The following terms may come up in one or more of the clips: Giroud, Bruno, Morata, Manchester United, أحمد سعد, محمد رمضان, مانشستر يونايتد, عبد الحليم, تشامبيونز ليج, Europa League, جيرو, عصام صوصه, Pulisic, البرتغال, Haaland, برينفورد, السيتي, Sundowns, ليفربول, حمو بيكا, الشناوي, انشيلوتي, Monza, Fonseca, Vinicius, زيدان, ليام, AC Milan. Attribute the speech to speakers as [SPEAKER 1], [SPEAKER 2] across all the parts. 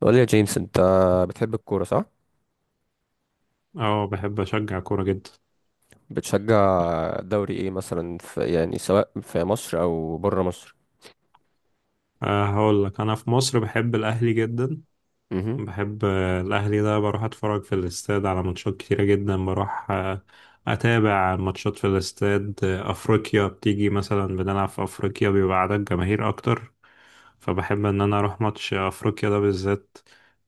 [SPEAKER 1] قول لي يا جيمس، انت بتحب الكورة صح؟
[SPEAKER 2] اه، بحب اشجع كورة جدا.
[SPEAKER 1] بتشجع دوري ايه مثلا في يعني سواء في مصر او بره مصر؟
[SPEAKER 2] أه، هقول لك انا في مصر بحب الاهلي جدا.
[SPEAKER 1] امم.
[SPEAKER 2] بحب الاهلي ده، بروح اتفرج في الاستاد على ماتشات كتيرة جدا. بروح اتابع ماتشات في الاستاد. افريقيا بتيجي مثلا بنلعب في افريقيا بيبقى عدد جماهير اكتر، فبحب ان انا اروح ماتش افريقيا ده بالذات،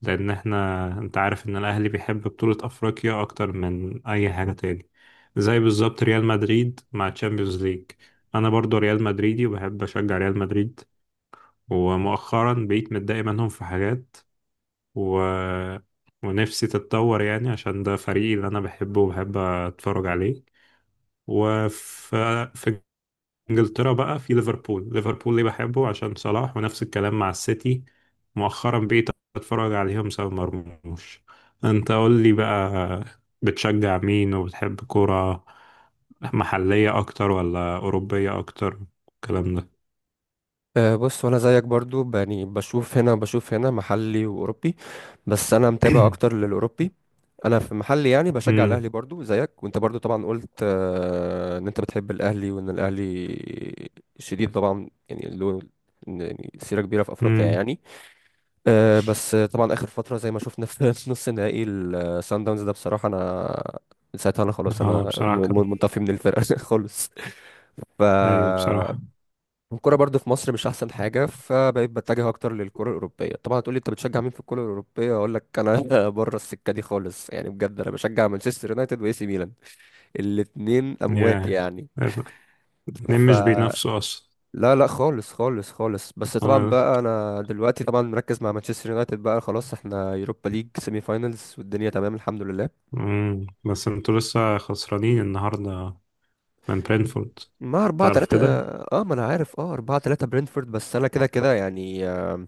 [SPEAKER 2] لان احنا، انت عارف ان الاهلي بيحب بطولة افريقيا اكتر من اي حاجة تاني. زي بالظبط ريال مدريد مع تشامبيونز ليج، انا برضو ريال مدريدي وبحب اشجع ريال مدريد. ومؤخرا بقيت متضايق منهم في حاجات، و... ونفسي تتطور يعني عشان ده فريقي اللي انا بحبه وبحب اتفرج عليه. وفي انجلترا بقى، في ليفربول. ليفربول ليه بحبه؟ عشان صلاح، ونفس الكلام مع السيتي. مؤخرا بقيت اتفرج عليهم سبب مرموش. انت قول لي بقى، بتشجع مين؟ وبتحب كرة محلية اكتر ولا اوروبية اكتر؟ الكلام ده.
[SPEAKER 1] أه، بص. وانا زيك برضو يعني بشوف هنا وبشوف هنا محلي واوروبي، بس انا متابع اكتر للاوروبي. انا في محلي يعني بشجع
[SPEAKER 2] امم.
[SPEAKER 1] الاهلي برضو زيك، وانت برضو طبعا قلت أه ان انت بتحب الاهلي وان الاهلي شديد طبعا، يعني له يعني سيرة كبيرة في افريقيا
[SPEAKER 2] امم.
[SPEAKER 1] يعني. بس طبعا اخر فتره زي ما شفنا في نص نهائي السان داونز ده بصراحه، انا من ساعتها انا خلاص
[SPEAKER 2] اه،
[SPEAKER 1] انا
[SPEAKER 2] بصراحة كان.
[SPEAKER 1] منطفي من الفرقه خالص. ف
[SPEAKER 2] ايوه بصراحة.
[SPEAKER 1] الكوره برضو في مصر مش احسن حاجه، فبقيت بتجه اكتر للكره الاوروبيه. طبعا هتقولي انت بتشجع مين في الكره الاوروبيه، اقول لك انا بره السكه دي خالص يعني. بجد انا بشجع مانشستر يونايتد واي سي ميلان، الاتنين اموات
[SPEAKER 2] يا،
[SPEAKER 1] يعني.
[SPEAKER 2] الاتنين
[SPEAKER 1] ف
[SPEAKER 2] مش بينافسوا اصلا.
[SPEAKER 1] لا لا خالص خالص خالص. بس طبعا
[SPEAKER 2] اه.
[SPEAKER 1] بقى انا دلوقتي طبعا مركز مع مانشستر يونايتد، بقى خلاص احنا يوروبا ليج سيمي فاينلز والدنيا تمام الحمد لله.
[SPEAKER 2] امم. بس انتوا لسه خسرانين النهاردة من برينفورد،
[SPEAKER 1] مع 4
[SPEAKER 2] تعرف
[SPEAKER 1] 3
[SPEAKER 2] كده.
[SPEAKER 1] اه، ما انا عارف. اه 4-3 برينفورد. بس انا كده كده يعني،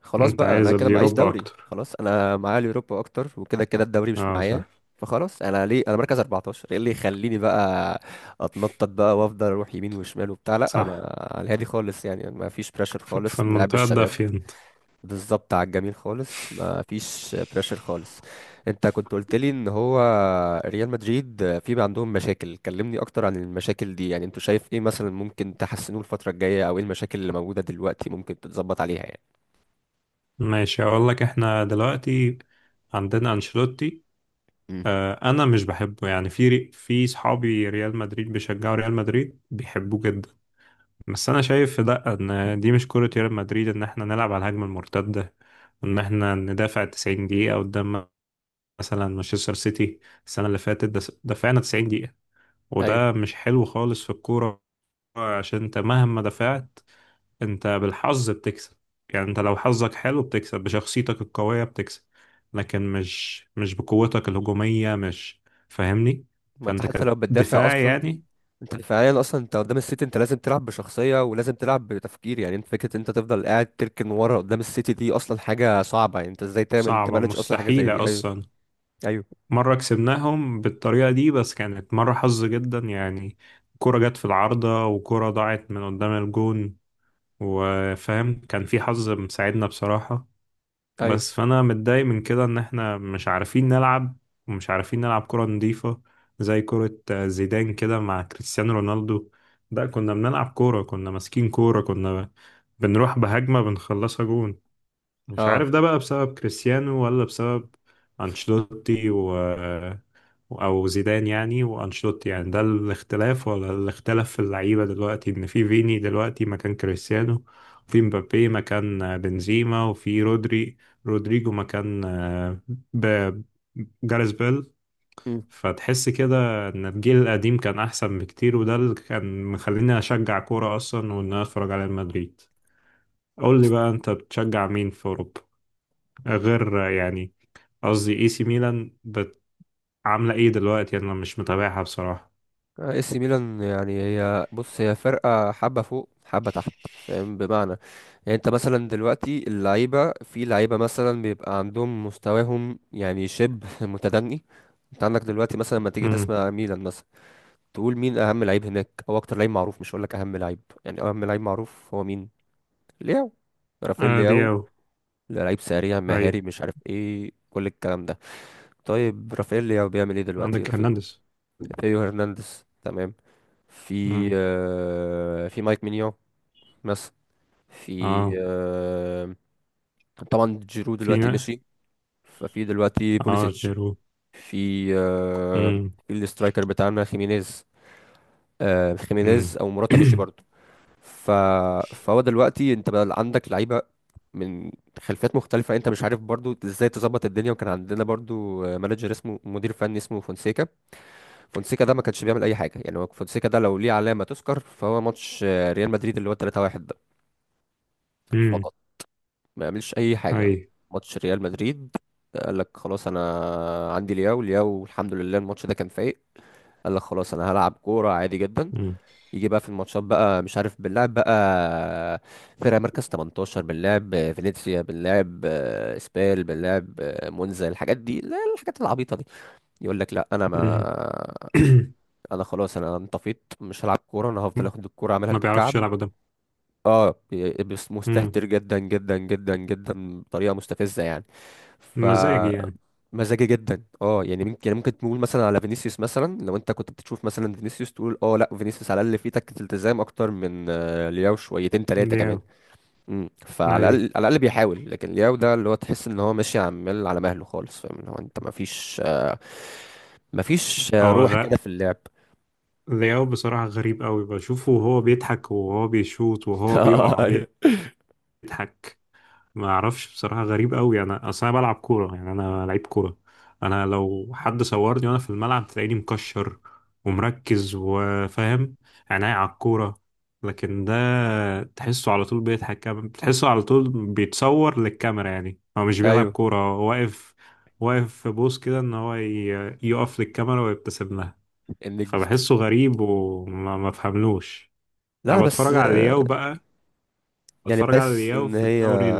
[SPEAKER 1] خلاص
[SPEAKER 2] انت
[SPEAKER 1] بقى انا
[SPEAKER 2] عايز
[SPEAKER 1] كده معيش
[SPEAKER 2] اليوروبا
[SPEAKER 1] دوري.
[SPEAKER 2] اكتر،
[SPEAKER 1] خلاص انا معايا اليوروبا اكتر، وكده كده الدوري مش
[SPEAKER 2] اه
[SPEAKER 1] معايا.
[SPEAKER 2] صح.
[SPEAKER 1] فخلاص انا ليه، انا مركز 14، ايه اللي يخليني بقى اتنطط بقى وافضل اروح يمين وشمال وبتاع؟ لا، ما
[SPEAKER 2] صح.
[SPEAKER 1] على الهادي خالص يعني، ما فيش بريشر
[SPEAKER 2] في
[SPEAKER 1] خالص، نلعب
[SPEAKER 2] المنطقة
[SPEAKER 1] الشباب
[SPEAKER 2] الدافية انت.
[SPEAKER 1] بالظبط على الجميل خالص، ما فيش بريشر خالص. انت كنت قلت لي ان هو ريال مدريد في بقى عندهم مشاكل، كلمني اكتر عن المشاكل دي يعني. انت شايف ايه مثلا ممكن تحسنوه الفترة الجاية، او ايه المشاكل اللي موجودة دلوقتي ممكن تتظبط عليها يعني؟
[SPEAKER 2] ماشي، اقول لك احنا دلوقتي عندنا انشيلوتي.
[SPEAKER 1] امم.
[SPEAKER 2] انا مش بحبه يعني، في في صحابي ريال مدريد بيشجعوا ريال مدريد بيحبوه جدا، بس انا شايف لا، ان دي مش كرة ريال مدريد، ان احنا نلعب على الهجمة المرتدة، ان احنا ندافع 90 دقيقة قدام مثلا مانشستر سيتي. السنة اللي فاتت دفعنا 90 دقيقة،
[SPEAKER 1] ايوه.
[SPEAKER 2] وده مش حلو خالص في الكورة، عشان انت مهما دفعت انت بالحظ بتكسب. يعني انت لو حظك حلو بتكسب، بشخصيتك القوية بتكسب، لكن مش بقوتك الهجومية. مش فاهمني؟
[SPEAKER 1] ما انت
[SPEAKER 2] فانت
[SPEAKER 1] حتى لو بتدافع
[SPEAKER 2] كدفاع
[SPEAKER 1] اصلا،
[SPEAKER 2] يعني.
[SPEAKER 1] انت فعليا اصلا انت قدام السيتي انت لازم تلعب بشخصية ولازم تلعب بتفكير، يعني انت فكرة انت تفضل قاعد تركن ورا قدام السيتي دي اصلا حاجة صعبة يعني. انت ازاي تعمل
[SPEAKER 2] صعبة
[SPEAKER 1] تمانج اصلا حاجة زي دي؟
[SPEAKER 2] مستحيلة
[SPEAKER 1] ايوه.
[SPEAKER 2] اصلا.
[SPEAKER 1] ايوه
[SPEAKER 2] مرة كسبناهم بالطريقة دي، بس كانت مرة حظ جدا يعني، كرة جت في العارضة، وكرة ضاعت من قدام الجون، وفاهم، كان في حظ مساعدنا بصراحة.
[SPEAKER 1] ايوه.
[SPEAKER 2] بس فانا متضايق من كده، ان احنا مش عارفين نلعب، ومش عارفين نلعب كرة نظيفة. زي كرة زيدان كده مع كريستيانو رونالدو، ده كنا بنلعب كورة، كنا ماسكين كورة، كنا بنروح بهجمة بنخلصها جون. مش
[SPEAKER 1] اه.
[SPEAKER 2] عارف ده بقى بسبب كريستيانو ولا بسبب أنشيلوتي، او زيدان يعني وانشيلوتي يعني، ده الاختلاف، ولا الاختلاف في اللعيبه دلوقتي، ان في فيني دلوقتي مكان كريستيانو، وفي مبابي مكان بنزيما، وفي رودريجو مكان ب- جاريث بيل.
[SPEAKER 1] مم.
[SPEAKER 2] فتحس كده ان الجيل القديم كان احسن بكتير، وده اللي كان مخليني اشجع كوره اصلا، وان انا اتفرج على ريال مدريد. قول لي بقى، انت بتشجع مين في اوروبا غير يعني، قصدي اي سي ميلان، عامله ايه دلوقتي؟ انا مش متابعها بصراحه.
[SPEAKER 1] آه، اي سي ميلان يعني هي، بص هي فرقة حبة فوق حبة تحت، فاهم بمعنى يعني. انت مثلا دلوقتي اللعيبة في لعيبة مثلا بيبقى عندهم مستواهم يعني شبه متدني. انت عندك دلوقتي مثلا لما تيجي تسمع ميلان مثلا تقول مين اهم لعيب هناك او اكتر لعيب معروف، مش هقولك اهم لعيب يعني، اهم لعيب معروف هو مين؟ لياو. رافائيل لياو.
[SPEAKER 2] دياو.
[SPEAKER 1] لعيب سريع مهاري
[SPEAKER 2] أي.
[SPEAKER 1] مش عارف ايه كل الكلام ده. طيب رافائيل لياو بيعمل ايه دلوقتي،
[SPEAKER 2] عندك هرنانديز.
[SPEAKER 1] رافائيل هرنانديز تمام. في
[SPEAKER 2] مم.
[SPEAKER 1] آه، في مايك مينيو مثلا. في
[SPEAKER 2] اه.
[SPEAKER 1] آه، طبعا جيرو دلوقتي
[SPEAKER 2] فينا.
[SPEAKER 1] مشي. ففي دلوقتي
[SPEAKER 2] اه
[SPEAKER 1] بوليسيتش.
[SPEAKER 2] جيرو.
[SPEAKER 1] في آه،
[SPEAKER 2] مم.
[SPEAKER 1] في الاسترايكر بتاعنا خيمينيز. خيمينيز
[SPEAKER 2] مم.
[SPEAKER 1] او موراتا مشي برضه. ف... فهو دلوقتي انت بقى عندك لعيبه من خلفيات مختلفه، انت مش عارف برضو ازاي تظبط الدنيا. وكان عندنا برضو مانجر اسمه، مدير فني اسمه فونسيكا. فونسيكا ده ما كانش بيعمل اي حاجه يعني، هو فونسيكا ده لو ليه علامه تذكر فهو ماتش ريال مدريد اللي هو 3-1
[SPEAKER 2] مم.
[SPEAKER 1] فقط، ما يعملش اي حاجه.
[SPEAKER 2] أي.
[SPEAKER 1] ماتش ريال مدريد، قال لك خلاص انا عندي لياو، لياو الحمد لله الماتش ده كان فايق، قال لك خلاص انا هلعب كوره عادي جدا.
[SPEAKER 2] مم.
[SPEAKER 1] يجي بقى في الماتشات بقى مش عارف، بنلعب بقى فرق مركز 18، بنلعب فينيسيا، بنلعب اسبال، بنلعب مونزا، الحاجات دي، لا، الحاجات العبيطه دي يقول لك لا انا ما
[SPEAKER 2] مم.
[SPEAKER 1] انا خلاص انا انطفيت مش هلعب كوره، انا هفضل اخد الكوره اعملها
[SPEAKER 2] ما بيعرفش
[SPEAKER 1] بالكعب.
[SPEAKER 2] يلعب قدام.
[SPEAKER 1] اه، بس
[SPEAKER 2] مم.
[SPEAKER 1] مستهتر جدا جدا جدا جدا بطريقه مستفزه يعني. ف
[SPEAKER 2] مزاجي يعني.
[SPEAKER 1] مزاجي جدا، اه يعني ممكن تقول مثلا على فينيسيوس مثلا، لو انت كنت بتشوف مثلا فينيسيوس تقول اه لا، فينيسيوس على الاقل فيه تكة التزام اكتر من لياو شويتين ثلاثه
[SPEAKER 2] دياو.
[SPEAKER 1] كمان. امم، فعلى
[SPEAKER 2] أي.
[SPEAKER 1] الاقل، على الاقل بيحاول. لكن لياو ده اللي هو تحس ان هو ماشي عمال على مهله خالص، فاهم، اللي هو انت ما فيش، ما فيش
[SPEAKER 2] هو
[SPEAKER 1] روح
[SPEAKER 2] غ...
[SPEAKER 1] كده في اللعب.
[SPEAKER 2] دياو بصراحة غريب قوي، بشوفه وهو بيضحك وهو بيشوط وهو بيقع،
[SPEAKER 1] ايوه.
[SPEAKER 2] بيضحك. ما اعرفش بصراحه، غريب قوي. انا اصل انا بلعب كوره يعني، انا لعيب كوره. انا لو حد صورني وانا في الملعب تلاقيني مكشر ومركز، وفاهم، عينيا على الكوره. لكن ده تحسه على طول بيضحك، تحسه على طول بيتصور للكاميرا. يعني هو مش بيلعب
[SPEAKER 1] ايوه.
[SPEAKER 2] كوره، هو واقف، واقف في بوز كده ان هو يقف للكاميرا ويبتسم لها.
[SPEAKER 1] النجم.
[SPEAKER 2] فبحسه غريب، وما ما بفهملوش. انا
[SPEAKER 1] لا بس،
[SPEAKER 2] بتفرج على الياو بقى،
[SPEAKER 1] يعني
[SPEAKER 2] بتفرج على
[SPEAKER 1] بحس
[SPEAKER 2] الياو
[SPEAKER 1] ان
[SPEAKER 2] في
[SPEAKER 1] هي،
[SPEAKER 2] الدوري،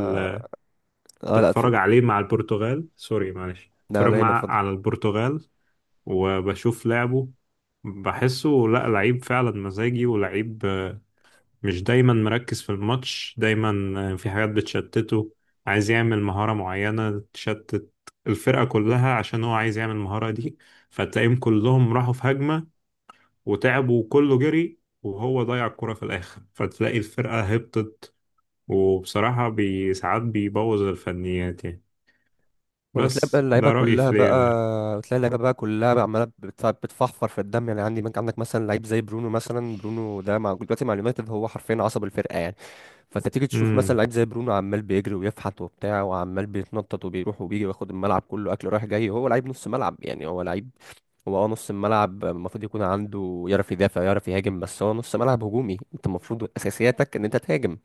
[SPEAKER 1] اه لا.
[SPEAKER 2] بتفرج عليه مع البرتغال. سوري معلش،
[SPEAKER 1] لا
[SPEAKER 2] بتفرج
[SPEAKER 1] ولا يهمك،
[SPEAKER 2] مع،
[SPEAKER 1] اتفضل.
[SPEAKER 2] على البرتغال، وبشوف لعبه. بحسه لا، لعيب فعلا مزاجي، ولعيب مش دايما مركز في الماتش دايما. في حاجات بتشتته، عايز يعمل مهارة معينة تشتت الفرقة كلها عشان هو عايز يعمل المهارة دي، فتلاقيهم كلهم راحوا في هجمة وتعبوا وكله جري، وهو ضيع الكرة في الآخر، فتلاقي الفرقة هبطت. وبصراحة بي ساعات بيبوظ الفنيات يعني.
[SPEAKER 1] ولا تلاقي بقى
[SPEAKER 2] بس
[SPEAKER 1] اللعيبه
[SPEAKER 2] ده رأيي
[SPEAKER 1] كلها
[SPEAKER 2] في ليام يعني.
[SPEAKER 1] بقى، تلاقي اللعيبه بقى كلها بقى عماله بتفحفر في الدم يعني. عندك مثلا لعيب زي برونو مثلا، برونو ده مع دلوقتي مع اليونايتد هو حرفيا عصب الفرقه يعني. فانت تيجي تشوف مثلا
[SPEAKER 2] امم.
[SPEAKER 1] لعيب زي برونو، عمال بيجري ويفحت وبتاع وعمال بيتنطط وبيروح وبيجي وياخد الملعب كله اكل رايح جاي. هو لعيب نص ملعب يعني، هو لعيب، هو اه نص الملعب المفروض يكون عنده، يعرف يدافع يعرف يهاجم، بس هو نص ملعب هجومي. انت المفروض اساسياتك ان انت تهاجم،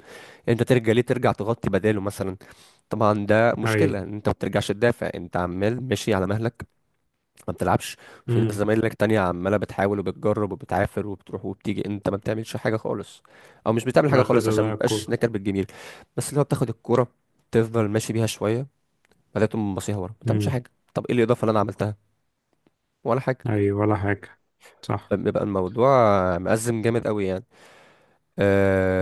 [SPEAKER 1] انت ترجع ليه؟ ترجع تغطي بداله مثلا. طبعا ده
[SPEAKER 2] اي.
[SPEAKER 1] مشكلة ان انت ما بترجعش تدافع، انت عمال ماشي على مهلك، ما بتلعبش. في ناس
[SPEAKER 2] امم.
[SPEAKER 1] زمايلك تانية عمالة بتحاول وبتجرب وبتعافر وبتروح وبتيجي، انت ما بتعملش حاجة خالص. او مش بتعمل
[SPEAKER 2] في
[SPEAKER 1] حاجة
[SPEAKER 2] الآخر
[SPEAKER 1] خالص عشان
[SPEAKER 2] تضيع
[SPEAKER 1] مبقاش
[SPEAKER 2] الكورة.
[SPEAKER 1] نكر بالجميل. بس اللي هو بتاخد الكورة، تفضل ماشي بيها شوية، بعدين تقوم باصيها ورا، ما بتعملش
[SPEAKER 2] امم.
[SPEAKER 1] حاجة. طب ايه الإضافة اللي انا عملتها؟ ولا حاجة.
[SPEAKER 2] اي، ولا حاجة. صح.
[SPEAKER 1] فبيبقى الموضوع مأزم جامد قوي يعني.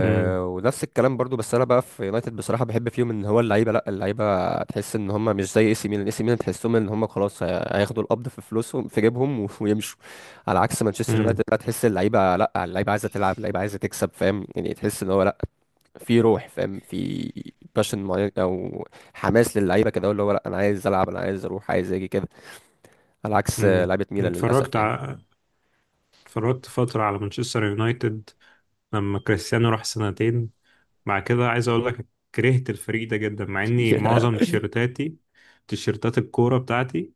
[SPEAKER 2] امم.
[SPEAKER 1] ونفس الكلام برضو، بس انا بقى في يونايتد بصراحه بحب فيهم ان هو اللعيبه، لا اللعيبه تحس ان هم مش زي اي سي ميلان. اي سي ميلان تحسهم ان هم خلاص هياخدوا القبض في فلوسهم في جيبهم ويمشوا. على عكس مانشستر يونايتد
[SPEAKER 2] امم.
[SPEAKER 1] لا، تحس اللعيبه، لا اللعيبه عايزه تلعب، اللعيبه عايزه تكسب، فاهم يعني. تحس ان هو لا، في روح، فاهم، في باشن معين، او حماس للعيبه كده اللي هو لا انا عايز العب، انا عايز اروح، عايز اجي كده. على عكس
[SPEAKER 2] امم.
[SPEAKER 1] لعيبه ميلان، للاسف
[SPEAKER 2] اتفرجت ع...
[SPEAKER 1] يعني.
[SPEAKER 2] اتفرجت فترة على مانشستر يونايتد لما كريستيانو راح سنتين. بعد كده عايز اقول لك كرهت الفريق ده جدا، مع اني معظم تيشيرتاتي تيشيرتات الكورة بتاعتي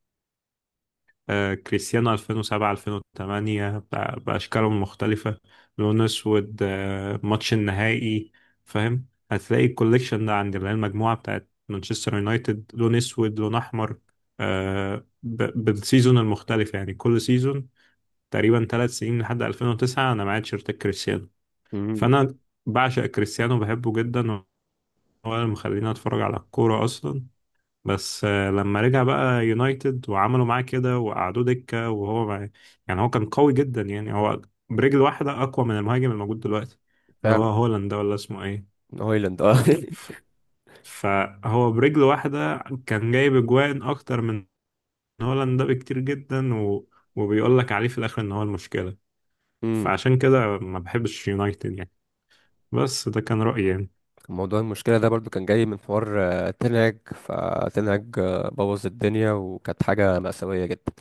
[SPEAKER 2] كريستيانو 2007 2008 بأشكالهم المختلفة، لون أسود ماتش النهائي. فاهم هتلاقي الكوليكشن ده عندي، اللي هي المجموعة بتاعت مانشستر يونايتد، لون أسود لون أحمر، بالسيزون المختلف يعني، كل سيزون تقريبا 3 سنين، لحد 2009 أنا معايا تيشيرت كريستيانو.
[SPEAKER 1] مم،
[SPEAKER 2] فأنا بعشق كريستيانو بحبه جدا، هو اللي مخليني أتفرج على الكورة أصلا. بس لما رجع بقى يونايتد وعملوا معاه كده وقعدوه دكة، وهو ما، يعني هو كان قوي جدا يعني، هو برجل واحدة أقوى من المهاجم الموجود دلوقتي، اللي هو
[SPEAKER 1] فعلا.
[SPEAKER 2] هولاند ده ولا اسمه ايه.
[SPEAKER 1] هويلاند اه.
[SPEAKER 2] ف- فهو برجل واحدة كان جايب أجوان أكتر من هولاند ده بكتير جدا، وبيقول لك عليه في الآخر إن هو المشكلة.
[SPEAKER 1] مم.
[SPEAKER 2] فعشان كده ما بحبش يونايتد يعني، بس ده كان رأيي يعني.
[SPEAKER 1] موضوع المشكلة ده برضو كان جاي من حوار تنهج فتنهج بوظ الدنيا، وكانت حاجة مأساوية جدا.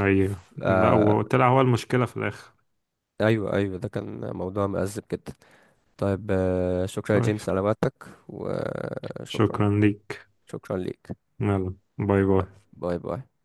[SPEAKER 2] أيوه
[SPEAKER 1] ف-
[SPEAKER 2] لا،
[SPEAKER 1] آه،
[SPEAKER 2] وطلع هو المشكلة في الآخر.
[SPEAKER 1] أيوة أيوة ده كان موضوع مأزم جدا. طيب، شكرا يا
[SPEAKER 2] طيب
[SPEAKER 1] جيمس على وقتك، وشكرا.
[SPEAKER 2] شكرا ليك.
[SPEAKER 1] شكرا ليك.
[SPEAKER 2] يلا باي
[SPEAKER 1] باي
[SPEAKER 2] باي.
[SPEAKER 1] باي باي.